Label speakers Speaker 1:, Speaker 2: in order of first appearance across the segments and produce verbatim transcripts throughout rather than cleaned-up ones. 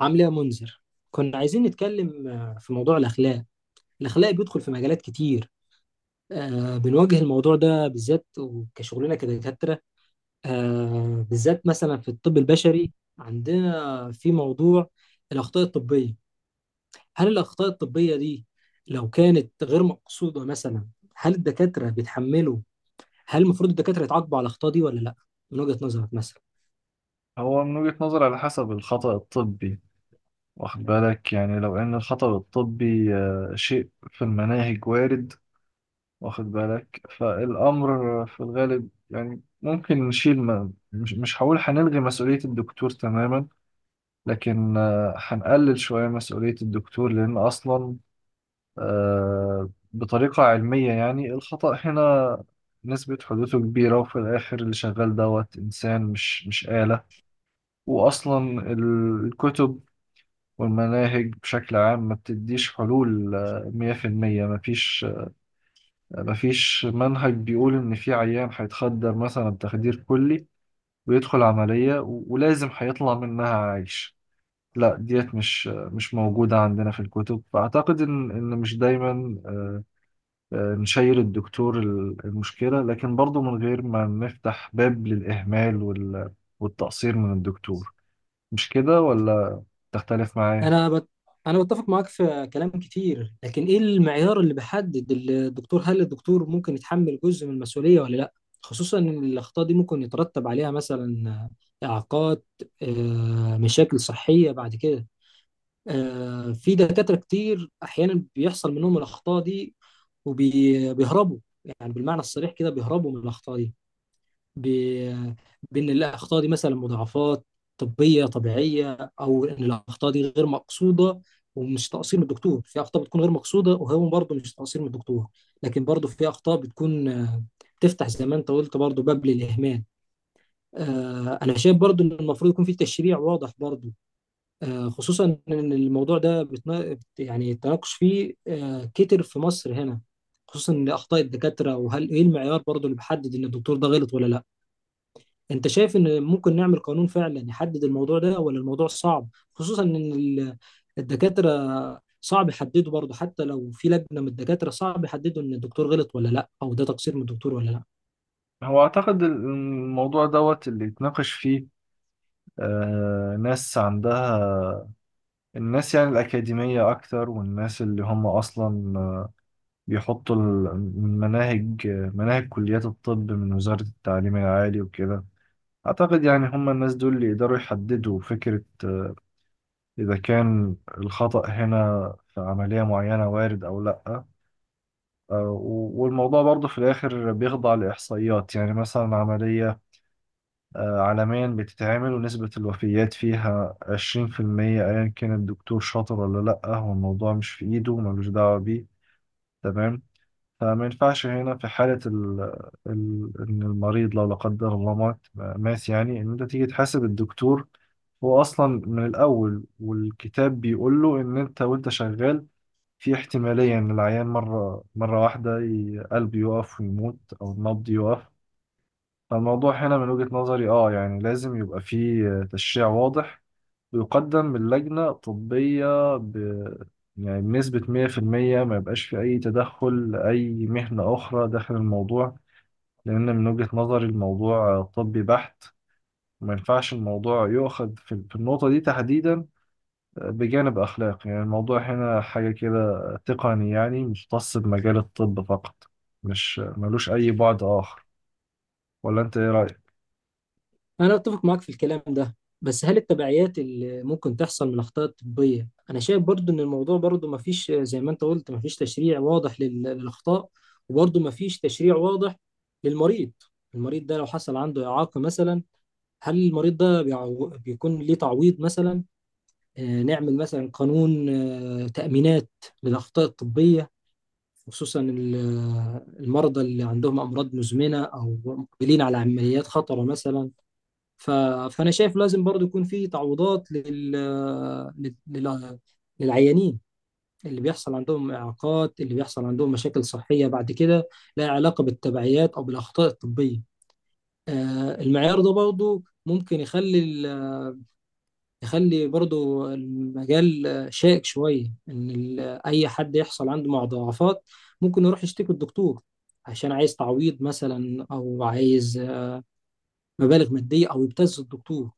Speaker 1: عامل ايه يا منذر؟ كنا عايزين نتكلم آه، في موضوع الاخلاق. الاخلاق بيدخل في مجالات كتير. آه، بنواجه الموضوع ده بالذات وكشغلنا كدكاترة، آه، بالذات مثلا في الطب البشري. عندنا في موضوع الاخطاء الطبية. هل الاخطاء الطبية دي لو كانت غير مقصودة مثلا، هل الدكاترة بيتحملوا؟ هل المفروض الدكاترة يتعاقبوا على الاخطاء دي ولا لا؟ من وجهة نظرك مثلا.
Speaker 2: هو من وجهة نظري على حسب الخطأ الطبي. واخد بالك، يعني لو ان الخطأ الطبي آه، شيء في المناهج وارد. واخد بالك، فالامر في الغالب يعني ممكن نشيل ما مش مش هقول، هنلغي مسؤولية الدكتور تماما، لكن آه، هنقلل شوية مسؤولية الدكتور لان اصلا آه، بطريقة علمية، يعني الخطأ هنا نسبة حدوثه كبيرة، وفي الآخر اللي شغال دوت إنسان مش مش آلة. وأصلا الكتب والمناهج بشكل عام ما بتديش حلول آه، مية في المية. ما فيش ما فيش منهج بيقول إن في عيان هيتخدر مثلا بتخدير كلي، ويدخل عملية و- ولازم هيطلع منها عايش. لا، ديت مش آه، مش موجودة عندنا في الكتب. فأعتقد إن إن مش دايما آه، آه، نشير الدكتور ال- المشكلة، لكن برضو من غير ما نفتح باب للإهمال وال- والتقصير من الدكتور. مش كده ولا تختلف معايا؟
Speaker 1: انا بت... انا بتفق معاك في كلام كتير، لكن ايه المعيار اللي بيحدد الدكتور؟ هل الدكتور ممكن يتحمل جزء من المسؤولية ولا لا؟ خصوصا ان الاخطاء دي ممكن يترتب عليها مثلا آه، اعاقات، آه، مشاكل صحية بعد كده. آه، في دكاترة كتير احيانا بيحصل منهم الاخطاء دي وبيهربوا. يعني بالمعنى الصريح كده بيهربوا من الاخطاء دي ب... بان الاخطاء دي مثلا مضاعفات طبيه طبيعيه، او ان الاخطاء دي غير مقصوده ومش تقصير من الدكتور. في اخطاء بتكون غير مقصوده وهو برضه مش تقصير من الدكتور، لكن برضه في اخطاء بتكون آه، بتفتح زي ما انت قلت برضه باب للاهمال. آه، انا شايف برضه ان المفروض يكون في تشريع واضح برضه، آه، خصوصا ان الموضوع ده بتنا... بت- يعني التناقش فيه آه، كتر في مصر هنا، خصوصا ان اخطاء الدكاتره، وهل ايه المعيار برضه اللي بيحدد ان الدكتور ده غلط ولا لا؟ انت شايف ان ممكن نعمل قانون فعلا يحدد الموضوع ده، ولا الموضوع صعب؟ خصوصا ان ال- الدكاترة صعب يحددوا برضه، حتى لو في لجنة من الدكاترة صعب يحددوا ان الدكتور غلط ولا لا، او ده تقصير من الدكتور ولا لا.
Speaker 2: هو أعتقد الموضوع دوت اللي يتناقش فيه آه ناس عندها، الناس يعني الأكاديمية أكتر، والناس اللي هم أصلا آه، بيحطوا المناهج، مناهج كليات الطب من وزارة التعليم العالي وكده. أعتقد يعني هم الناس دول اللي يقدروا يحددوا فكرة آه، إذا كان الخطأ هنا في عملية معينة وارد أو لأ. آه، و- والموضوع برضه في الآخر بيخضع لإحصائيات، يعني مثلا عملية آه، عالميا بتتعمل ونسبة الوفيات فيها عشرين في المية، أيا كان الدكتور شاطر ولا لأ، هو الموضوع مش في إيده، ملوش دعوة بيه. تمام. فما ينفعش هنا في حالة ال... ال... إن المريض لو لا قدر الله مات مات، يعني إن أنت تيجي تحاسب الدكتور. هو أصلا من الأول والكتاب بيقول له إن أنت وأنت شغال في احتمالية إن العيان مرة مرة واحدة ي- قلبه يقف ويموت، أو النبض يقف. فالموضوع هنا من وجهة نظري اه، يعني لازم يبقى فيه تشريع واضح، ويقدم من لجنة طبية، ب... يعني بنسبة مية في المية، ما يبقاش في أي تدخل، أي مهنة أخرى داخل الموضوع، لأن من وجهة نظري الموضوع طبي بحت. وما ينفعش الموضوع يؤخذ في في النقطة دي تحديدا بجانب أخلاقي. يعني الموضوع هنا حاجة كده تقني، يعني مختص بمجال الطب فقط، مش ملوش أي بعد آخر. ولا أنت إيه رأيك؟
Speaker 1: انا اتفق معاك في الكلام ده، بس هل التبعيات اللي ممكن تحصل من الاخطاء الطبية؟ انا شايف برضه ان الموضوع برضه ما فيش، زي ما انت قلت، ما فيش تشريع واضح لل- للاخطاء، وبرضه ما فيش تشريع واضح للمريض. المريض ده لو حصل عنده إعاقة مثلا، هل المريض ده بيعو- بيكون ليه تعويض مثلا؟ آه، نعمل مثلا قانون آه، تأمينات للأخطاء الطبية، خصوصا ال- آه، المرضى اللي عندهم أمراض مزمنة أو مقبلين على عمليات خطرة مثلا. ف- فأنا شايف لازم برضو يكون في تعويضات لل... آه، لل... لل- للعيانين اللي بيحصل عندهم إعاقات، اللي بيحصل عندهم مشاكل صحية بعد كده، لها علاقة بالتبعيات أو بالأخطاء الطبية. آه، المعيار ده برضو ممكن يخلي ال- يخلي برضو المجال شائك شوية، إن ال- أي حد يحصل عنده مضاعفات ممكن يروح يشتكي الدكتور عشان عايز تعويض مثلا، أو عايز مبالغ مادية، أو يبتز الدكتور.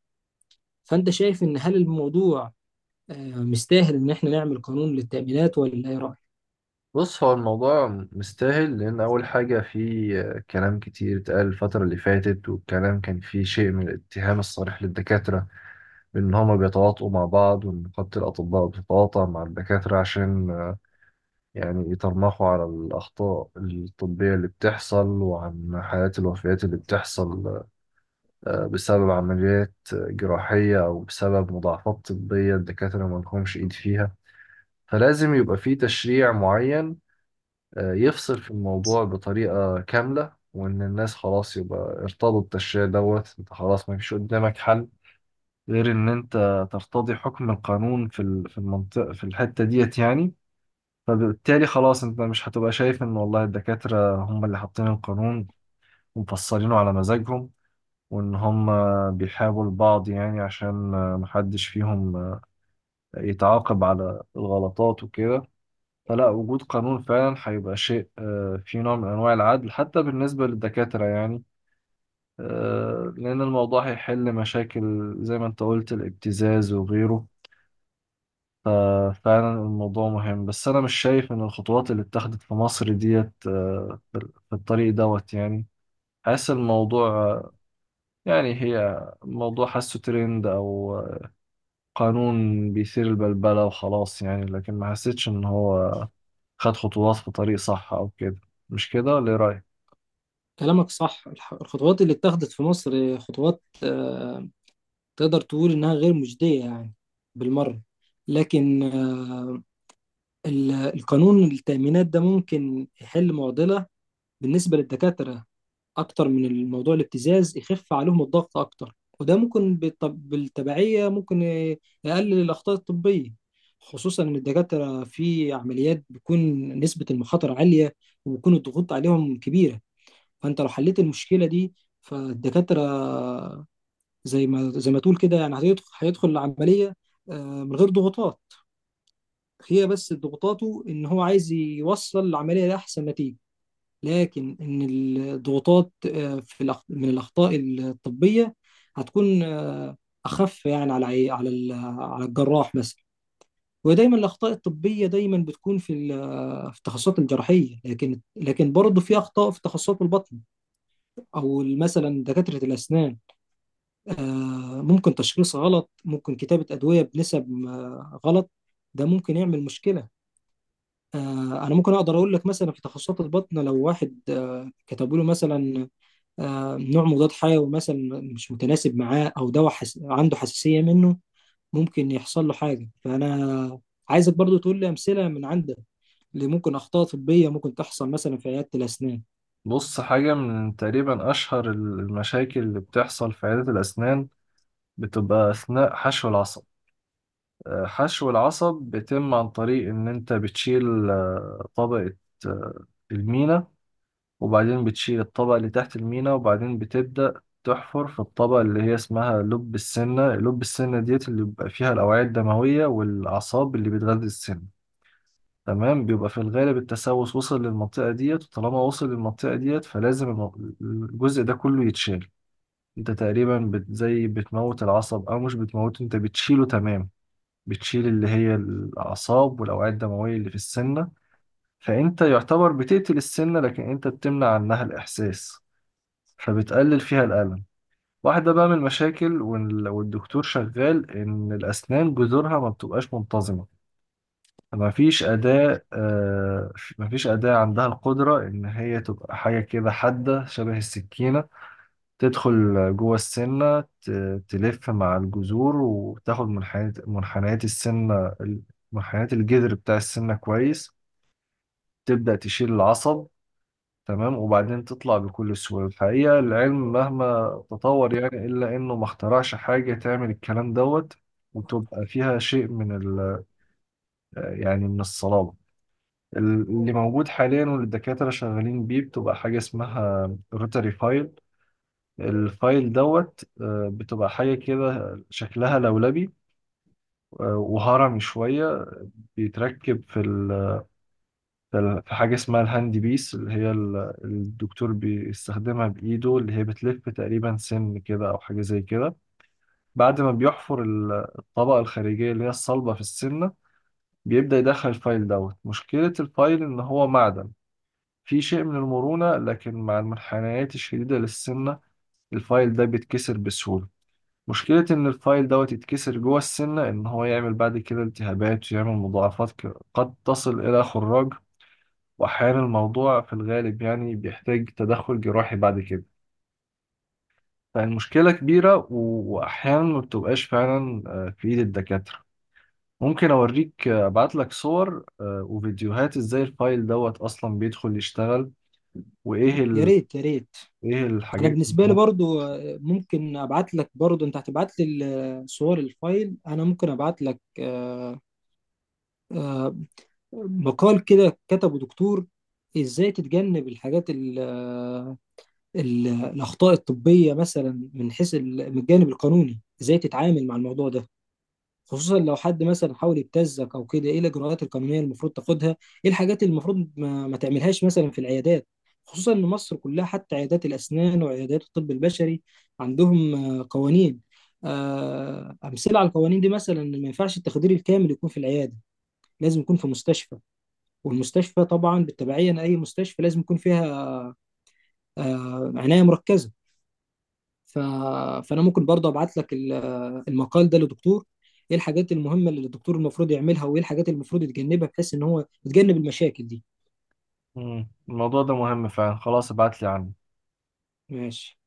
Speaker 1: فأنت شايف إن هل الموضوع آه، مستاهل إن إحنا نعمل قانون للتأمينات، ولا إيه رأيك؟
Speaker 2: بص، هو الموضوع مستاهل، لأن أول حاجة في كلام كتير اتقال الفترة اللي فاتت، والكلام كان فيه شيء من الاتهام الصريح للدكاترة، بإن هما بيتواطؤوا مع بعض، وإن نقابة الأطباء بتتواطأ مع الدكاترة عشان آه، يعني يترمخوا على الأخطاء الطبية اللي بتحصل، وعن حالات الوفيات اللي بتحصل آه، بسبب عمليات جراحية، أو بسبب مضاعفات طبية الدكاترة ما لهمش إيد فيها. فلازم يبقى في تشريع معين آه، يفصل في الموضوع بطريقة كاملة، وإن الناس خلاص يبقى ارتضوا التشريع دوت. أنت خلاص ما فيش قدامك حل غير إن أنت ترتضي حكم القانون في ال- في المنطقة، في الحتة ديت يعني. فبالتالي خلاص أنت مش هتبقى شايف إن والله الدكاترة هم اللي حاطين القانون ومفصلينه على مزاجهم، وإن هم بيحابوا البعض، يعني عشان آه، محدش فيهم آه، يتعاقب على الغلطات وكده. فلا، وجود قانون فعلا هيبقى شيء آه، فيه نوع من أنواع العدل حتى بالنسبة للدكاترة يعني، آه، لأن الموضوع هيحل مشاكل زي ما أنت قلت، الابتزاز وغيره. ففعلا الموضوع مهم. بس أنا مش شايف إن الخطوات اللي اتخذت في مصر ديت آه، في الطريق دوت يعني. حاسس الموضوع آه، يعني هي موضوع حاسه ترند، أو آه، قانون بيثير البلبلة وخلاص، يعني لكن ما حسيتش إن هو خد خطوات في طريق صح أو كده. مش كده ولا إيه رأيك؟
Speaker 1: كلامك صح. الح- الخطوات اللي اتخذت في مصر خطوات آه، تقدر تقول إنها غير مجدية يعني بالمرة. لكن آه، ال- القانون التأمينات ده ممكن يحل معضلة بالنسبة للدكاترة أكتر من الموضوع الابتزاز، يخف عليهم الضغط أكتر، وده ممكن بالط- بالتبعية ممكن ي- يقلل الأخطاء الطبية. خصوصا إن الدكاترة في عمليات بيكون نسبة المخاطر عالية وبيكون الضغوط عليهم كبيرة. فأنت لو حليت المشكلة دي، فالدكاترة زي ما زي ما تقول كده يعني هيدخل هيدخل العملية آه، من غير ضغوطات. هي بس ضغوطاته إن هو عايز يوصل العملية لأحسن نتيجة. لكن ان الضغوطات آه، في الأخ- من الاخطاء الطبيه هتكون آه، اخف يعني على عي- على ال- على الجراح مثلا. ودايما الاخطاء الطبيه دايما بتكون في ال- في التخصصات الجراحيه، لكن لكن برضه في اخطاء في تخصصات البطن، او مثلا دكاتره الاسنان. آه، ممكن تشخيص غلط، ممكن كتابه ادويه بنسب آه، غلط. ده ممكن يعمل مشكله. آه، انا ممكن اقدر اقول لك مثلا في تخصصات البطن، لو واحد آه، كتبوا له مثلا آه، نوع مضاد حيوي مثلا مش متناسب معاه، او دواء حس... عنده حساسية منه، ممكن يحصل له حاجة. فانا عايزك برضو تقول لي امثلة من عندك اللي ممكن اخطاء طبية ممكن تحصل مثلا في عيادة الاسنان.
Speaker 2: بص، حاجة من تقريبا أشهر المشاكل اللي بتحصل في عيادة الأسنان بتبقى أثناء حشو العصب. آه، حشو العصب بيتم عن طريق إن أنت بتشيل آه، طبقة آه، المينا، وبعدين بتشيل الطبقة اللي تحت المينا، وبعدين بتبدأ تحفر في الطبقة اللي هي اسمها لب السنة. لب السنة ديت اللي بيبقى فيها الأوعية الدموية والأعصاب اللي بتغذي السن. تمام. بيبقى في الغالب التسوس وصل للمنطقة ديت، وطالما وصل للمنطقة ديت فلازم الم- الجزء ده كله يتشال. انت تقريبا بت زي بتموت العصب، او مش بتموته، انت بتشيله. تمام. بتشيل اللي هي الأعصاب والأوعية الدموية اللي في السنة. فانت يعتبر بتقتل السنة، لكن انت بتمنع عنها الإحساس، فبتقلل فيها الألم. واحدة بقى من المشاكل وال- والدكتور شغال، إن الأسنان جذورها ما بتبقاش منتظمة. مفيش أداة آه، مفيش أداة عندها القدرة إن هي تبقى حاجة كده حادة شبه السكينة، تدخل جوه السنة، ت- تلف مع الجذور، وتاخد منحنيات منحنيات السنة، منحنيات الجذر بتاع السنة كويس، تبدأ تشيل العصب. تمام. وبعدين تطلع بكل سهولة. الحقيقة العلم مهما تطور، يعني إلا إنه ما اخترعش حاجة تعمل الكلام دوت وتبقى فيها شيء من ال يعني من الصلابة. اللي موجود حاليا واللي الدكاترة شغالين بيه بتبقى حاجة اسمها روتري فايل. الفايل دوت آه، بتبقى حاجة كده شكلها لولبي آه، وهرمي شوية، بيتركب في ال- في ال- في حاجة اسمها الهاند بيس، اللي هي ال- الدكتور بيستخدمها بإيده، اللي هي بتلف تقريبا سن كده أو حاجة زي كده. بعد ما بيحفر ال- الطبقة الخارجية اللي هي الصلبة في السنة، بيبدأ يدخل الفايل دوت. مشكلة الفايل إن هو معدن، في شيء من المرونة، لكن مع المنحنيات الشديدة للسنة الفايل ده بيتكسر بسهولة. مشكلة إن الفايل دوت يتكسر جوه السنة، إن هو يعمل بعد كده التهابات، ويعمل مضاعفات ك- قد تصل إلى خراج، وأحيانا الموضوع في الغالب يعني بيحتاج تدخل جراحي بعد كده. فالمشكلة كبيرة، و- وأحيانا ما بتبقاش فعلا آه، في إيد الدكاترة. ممكن أوريك آه، أبعتلك صور آه، وفيديوهات إزاي الفايل دوت أصلا بيدخل يشتغل، وإيه
Speaker 1: يا
Speaker 2: ال...
Speaker 1: ريت يا ريت.
Speaker 2: إيه
Speaker 1: انا
Speaker 2: الحاجات.
Speaker 1: بالنسبة لي برضو، آه، ممكن ابعت لك برضو، انت هتبعت لي ال- صور الفايل، انا ممكن ابعت لك آه، آه، مقال كده كتبه دكتور ازاي تتجنب الحاجات ال- آه، ال- الأخطاء الطبية، مثلا من حيث ال- من الجانب القانوني إزاي تتعامل مع الموضوع ده، خصوصا لو حد مثلا حاول يبتزك أو كده، إيه الإجراءات القانونية المفروض تاخدها، إيه الحاجات اللي المفروض ما, ما تعملهاش مثلا في العيادات. خصوصا إن مصر كلها حتى عيادات الأسنان وعيادات الطب البشري عندهم آه، قوانين. آه، أمثلة على القوانين دي مثلا إن ما ينفعش التخدير الكامل يكون في العيادة، لازم يكون في مستشفى. والمستشفى طبعا بالتبعية، لأي مستشفى لازم يكون فيها آه، عناية مركزة. ف... فانا ممكن برضه ابعت لك ال- المقال ده للدكتور، ايه الحاجات المهمه اللي الدكتور المفروض يعملها، وايه الحاجات اللي المفروض يتجنبها بحيث ان هو يتجنب المشاكل دي.
Speaker 2: مم. الموضوع ده مهم فعلا، خلاص ابعت لي عنه.
Speaker 1: ماشي.